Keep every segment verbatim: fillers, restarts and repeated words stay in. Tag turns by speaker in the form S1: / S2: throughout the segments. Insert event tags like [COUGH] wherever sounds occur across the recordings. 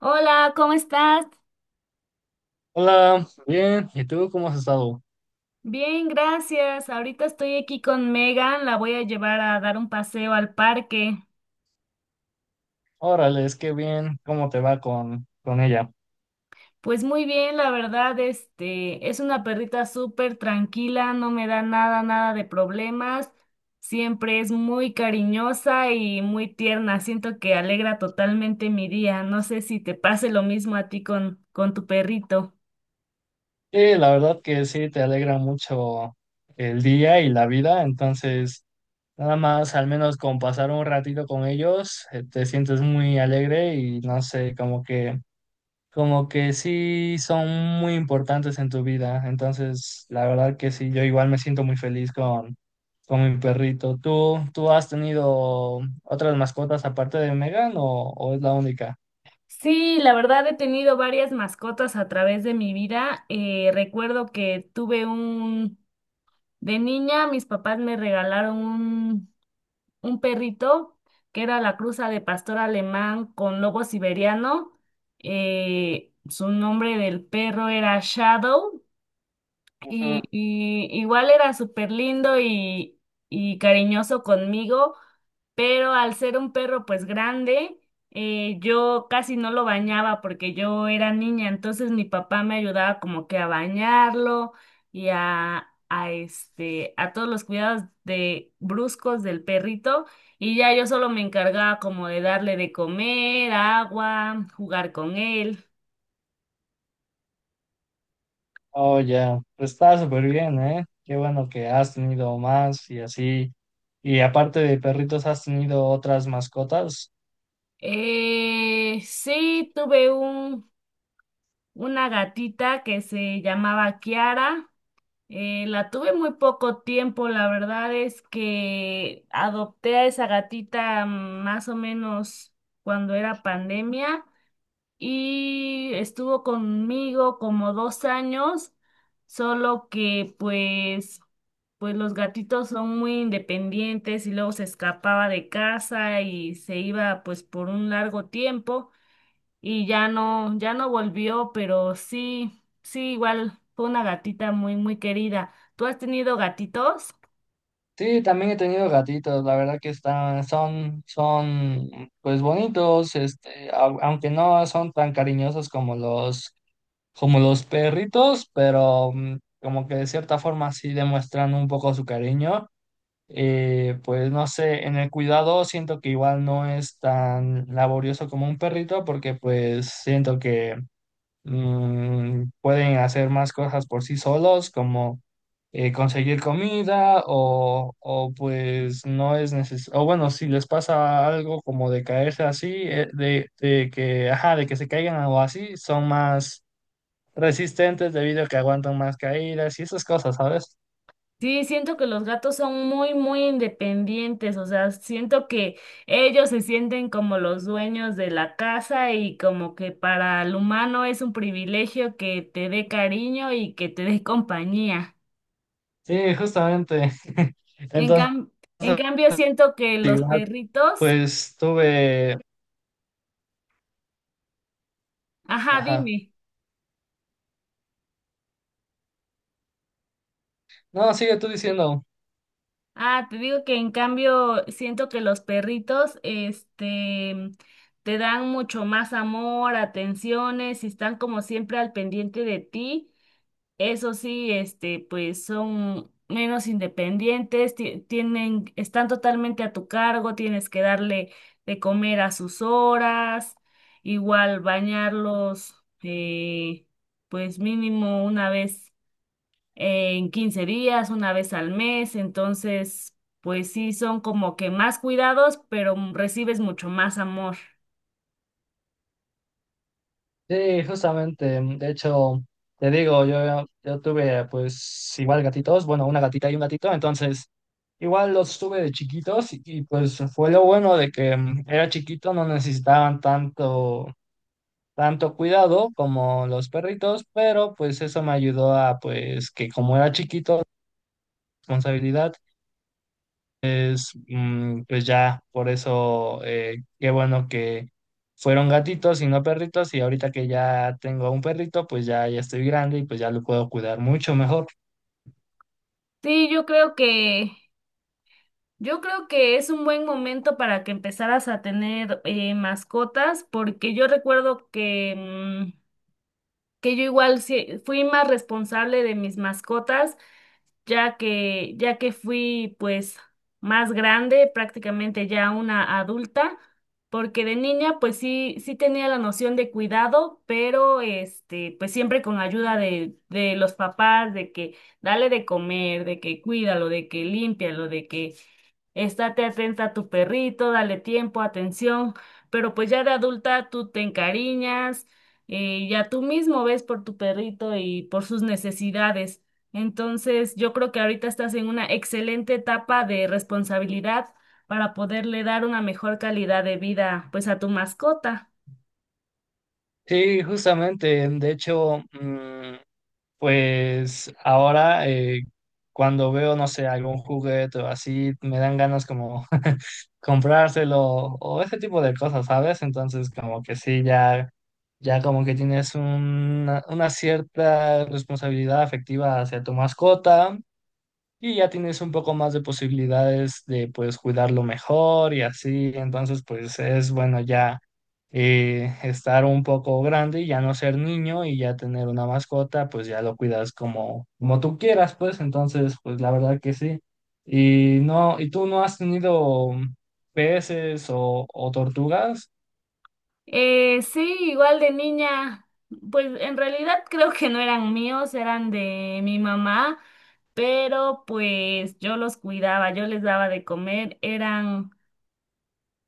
S1: Hola, ¿cómo estás?
S2: Hola, bien. ¿Y tú cómo has estado?
S1: Bien, gracias. Ahorita estoy aquí con Megan, la voy a llevar a dar un paseo al parque.
S2: Órale, es que bien, ¿cómo te va con, con ella?
S1: Pues muy bien, la verdad, este, es una perrita súper tranquila, no me da nada, nada de problemas. Siempre es muy cariñosa y muy tierna. Siento que alegra totalmente mi día. No sé si te pase lo mismo a ti con, con tu perrito.
S2: Y la verdad que sí, te alegra mucho el día y la vida, entonces nada más, al menos con pasar un ratito con ellos, eh, te sientes muy alegre y no sé, como que como que sí son muy importantes en tu vida. Entonces, la verdad que sí, yo igual me siento muy feliz con, con mi perrito. ¿Tú, tú has tenido otras mascotas aparte de Megan o, o es la única?
S1: Sí, la verdad he tenido varias mascotas a través de mi vida. Eh, recuerdo que tuve un De niña, mis papás me regalaron un, un perrito que era la cruza de pastor alemán con lobo siberiano. Eh, su nombre del perro era Shadow y,
S2: Ujú.
S1: y igual era súper lindo y, y cariñoso conmigo, pero al ser un perro pues grande, eh, yo casi no lo bañaba porque yo era niña, entonces mi papá me ayudaba como que a bañarlo y a, a este, a todos los cuidados de bruscos del perrito y ya yo solo me encargaba como de darle de comer, agua, jugar con él.
S2: Oh, ya, pues está súper bien, ¿eh? Qué bueno que has tenido más y así. Y aparte de perritos, ¿has tenido otras mascotas?
S1: Eh, sí, tuve un, una gatita que se llamaba Kiara. Eh, la tuve muy poco tiempo, la verdad es que adopté a esa gatita mm, más o menos cuando era pandemia y estuvo conmigo como dos años, solo que pues, pues los gatitos son muy independientes y luego se escapaba de casa y se iba pues por un largo tiempo y ya no, ya no volvió, pero sí, sí, igual fue una gatita muy, muy querida. ¿Tú has tenido gatitos?
S2: Sí, también he tenido gatitos, la verdad que están, son, son, pues bonitos, este, au- aunque no son tan cariñosos como los, como los perritos, pero mm, como que de cierta forma sí demuestran un poco su cariño. Eh, pues no sé, en el cuidado siento que igual no es tan laborioso como un perrito, porque pues siento que mm, pueden hacer más cosas por sí solos, como eh, conseguir comida o, o pues no es necesario, o bueno, si les pasa algo como de caerse así, eh, de, de que, ajá, de que se caigan o así, son más resistentes debido a que aguantan más caídas y esas cosas, ¿sabes?
S1: Sí, siento que los gatos son muy, muy independientes, o sea, siento que ellos se sienten como los dueños de la casa y como que para el humano es un privilegio que te dé cariño y que te dé compañía.
S2: Sí, justamente. [LAUGHS]
S1: En
S2: Entonces,
S1: cam- en cambio, siento que los
S2: igual,
S1: perritos,
S2: pues tuve,
S1: ajá,
S2: ajá.
S1: dime.
S2: No, sigue tú diciendo.
S1: Ah, te digo que en cambio siento que los perritos, este, te dan mucho más amor, atenciones y están como siempre al pendiente de ti. Eso sí, este, pues son menos independientes, ti- tienen, están totalmente a tu cargo, tienes que darle de comer a sus horas, igual bañarlos, eh, pues mínimo una vez en quince días, una vez al mes, entonces, pues sí, son como que más cuidados, pero m- recibes mucho más amor.
S2: Sí, justamente. mm, De hecho, te digo, yo, yo tuve pues igual gatitos, bueno, una gatita y un gatito, entonces igual los tuve de chiquitos y, y, pues fue lo bueno de que mm, era chiquito, no necesitaban tanto, tanto cuidado como los perritos, pero pues eso me ayudó a pues que como era chiquito, responsabilidad, mm, pues ya, por eso, eh, qué bueno que fueron gatitos y no perritos, y ahorita que ya tengo un perrito, pues ya, ya estoy grande y pues ya lo puedo cuidar mucho mejor.
S1: Sí, yo creo que, yo creo que es un buen momento para que empezaras a tener eh, mascotas, porque yo recuerdo que, mm, que yo igual sí- fui más responsable de mis mascotas ya que, ya que fui pues más grande, prácticamente ya una adulta, porque de niña pues sí, sí tenía la noción de cuidado, pero este, pues siempre con ayuda de, de los papás, de que dale de comer, de que cuídalo, de que límpialo, de que estate atenta a tu perrito, dale tiempo, atención, pero pues ya de adulta tú te encariñas, eh, ya tú mismo ves por tu perrito y por sus necesidades. Entonces, yo creo que ahorita estás en una excelente etapa de responsabilidad para poderle dar una mejor calidad de vida pues a tu mascota.
S2: Sí, justamente, de hecho, mm, pues ahora, eh, cuando veo, no sé, algún juguete o así, me dan ganas como [LAUGHS] comprárselo o ese tipo de cosas, ¿sabes? Entonces como que sí, ya, ya como que tienes una, una cierta responsabilidad afectiva hacia tu mascota y ya tienes un poco más de posibilidades de pues cuidarlo mejor y así, entonces pues es bueno ya, eh, estar un poco grande y ya no ser niño y ya tener una mascota, pues ya lo cuidas como, como tú quieras, pues entonces pues la verdad que sí. Y no, ¿y tú no has tenido peces o, o tortugas?
S1: Eh, sí, igual de niña, pues en realidad creo que no eran míos, eran de mi mamá, pero pues yo los cuidaba, yo les daba de comer, eran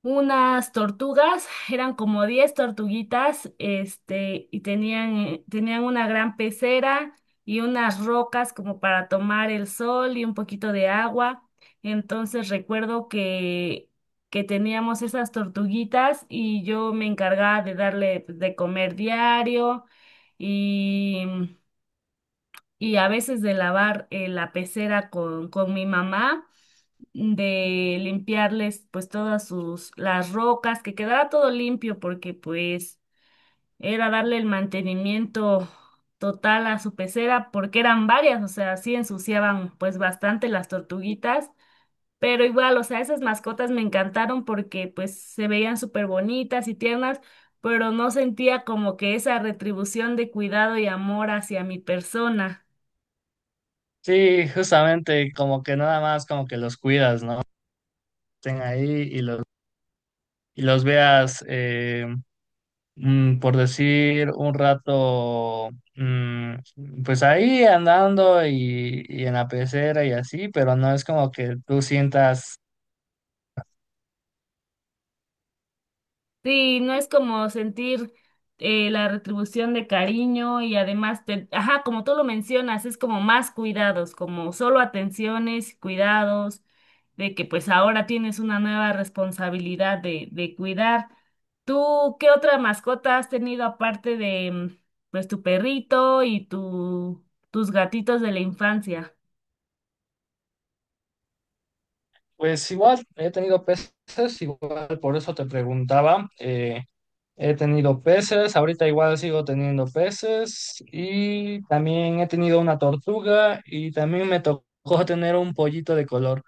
S1: unas tortugas, eran como diez tortuguitas, este, y tenían, eh, tenían una gran pecera y unas rocas como para tomar el sol y un poquito de agua. Entonces recuerdo que, que teníamos esas tortuguitas y yo me encargaba de darle pues, de comer diario y, y a veces de lavar eh, la pecera con, con mi mamá de limpiarles pues todas sus las rocas, que quedara todo limpio porque pues era darle el mantenimiento total a su pecera porque eran varias, o sea, sí ensuciaban pues bastante las tortuguitas, pero igual, o sea, esas mascotas me encantaron porque pues se veían súper bonitas y tiernas, pero no sentía como que esa retribución de cuidado y amor hacia mi persona.
S2: Sí, justamente como que nada más como que los cuidas, ¿no? Estén ahí y los, y los veas. Eh, mm, por decir un rato, mm, pues ahí andando y, y en la pecera y así, pero no es como que tú sientas,
S1: Sí, no es como sentir eh, la retribución de cariño y además, te, ajá, como tú lo mencionas, es como más cuidados, como solo atenciones, cuidados, de que pues ahora tienes una nueva responsabilidad de, de cuidar. ¿Tú qué otra mascota has tenido aparte de mm, pues tu perrito y tu, tus gatitos de la infancia?
S2: pues igual he tenido peces, igual por eso te preguntaba, eh, he tenido peces, ahorita igual sigo teniendo peces y también he tenido una tortuga y también me tocó [LAUGHS] tener un pollito de color.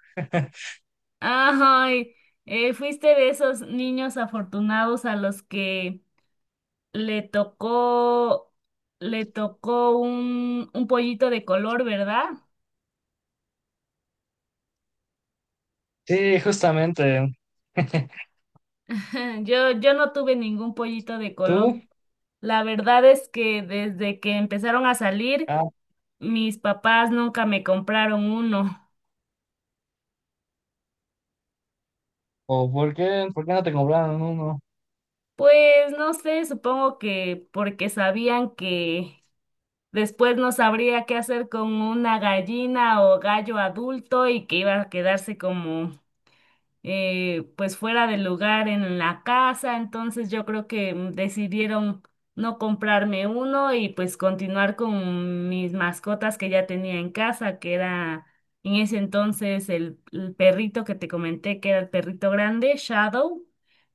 S1: Ay, eh, fuiste de esos niños afortunados a los que le tocó, le tocó un, un pollito de color, ¿verdad?
S2: Sí, justamente. [LAUGHS]
S1: [LAUGHS] Yo, yo no tuve ningún pollito de color.
S2: ¿Tú?
S1: La verdad es que desde que empezaron a salir,
S2: Ah,
S1: mis papás nunca me compraron uno.
S2: ¿o por qué, por qué no te compraron uno?
S1: Pues no sé, supongo que porque sabían que después no sabría qué hacer con una gallina o gallo adulto y que iba a quedarse como eh, pues fuera del lugar en la casa, entonces yo creo que mm, decidieron no comprarme uno y pues continuar con mis mascotas que ya tenía en casa, que era en ese entonces el, el perrito que te comenté, que era el perrito grande, Shadow.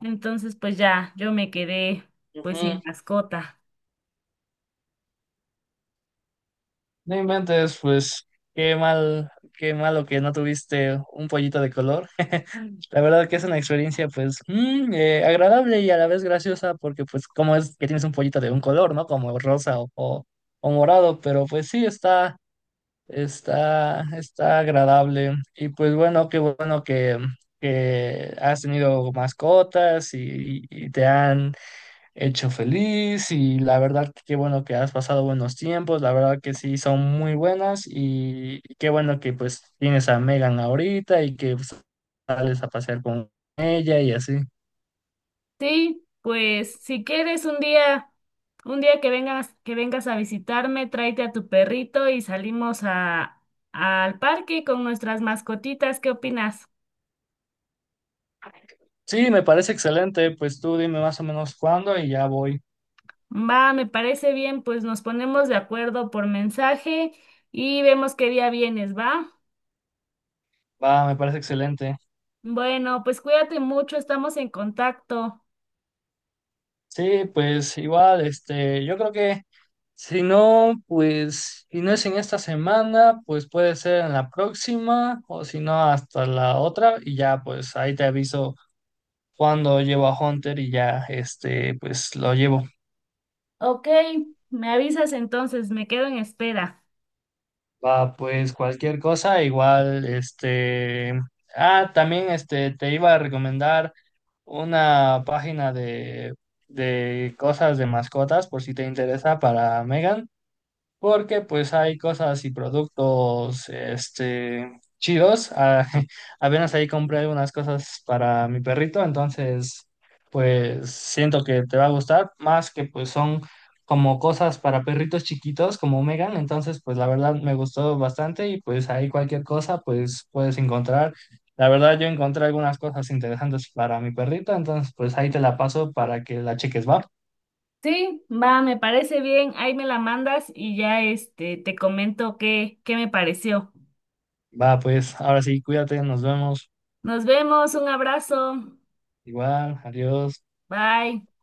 S1: Entonces pues ya yo me quedé pues
S2: Ujú.
S1: sin mascota.
S2: No inventes, pues qué mal, qué malo que no tuviste un pollito de color. [LAUGHS] La verdad que es una experiencia pues mm, eh, agradable y a la vez graciosa porque pues cómo es que tienes un pollito de un color, ¿no? Como rosa o, o, o morado, pero pues sí está, está, está agradable. Y pues bueno, qué bueno que, que has tenido mascotas y, y te han hecho feliz y la verdad que qué bueno que has pasado buenos tiempos, la verdad que sí son muy buenas y qué bueno que pues tienes a Megan ahorita y que pues, sales a pasear con ella y así.
S1: Sí, pues si quieres un día, un día que vengas, que vengas a visitarme, tráete a tu perrito y salimos a, al parque con nuestras mascotitas. ¿Qué opinas?
S2: Sí, me parece excelente, pues tú dime más o menos cuándo y ya voy.
S1: Va, me parece bien, pues nos ponemos de acuerdo por mensaje y vemos qué día vienes, ¿va?
S2: Va, me parece excelente.
S1: Bueno, pues cuídate mucho, estamos en contacto.
S2: Sí, pues igual, este, yo creo que si no, pues si no es en esta semana, pues puede ser en la próxima o si no hasta la otra y ya pues ahí te aviso cuando llevo a Hunter y ya, este, pues lo llevo.
S1: Ok, me avisas entonces, me quedo en espera.
S2: Va, pues cualquier cosa, igual, este, ah, también, este, te iba a recomendar una página de, de cosas de mascotas, por si te interesa para Megan. Porque pues hay cosas y productos este chidos. Ah, [LAUGHS] apenas ahí compré unas cosas para mi perrito, entonces pues siento que te va a gustar, más que pues son como cosas para perritos chiquitos como Megan, entonces pues la verdad me gustó bastante y pues ahí cualquier cosa pues puedes encontrar. La verdad yo encontré algunas cosas interesantes para mi perrito, entonces pues ahí te la paso para que la cheques, va.
S1: Sí, va, me parece bien. Ahí me la mandas y ya este te comento qué, qué me pareció.
S2: Va, pues ahora sí, cuídate, nos vemos.
S1: Nos vemos, un abrazo.
S2: Igual, adiós.
S1: Bye.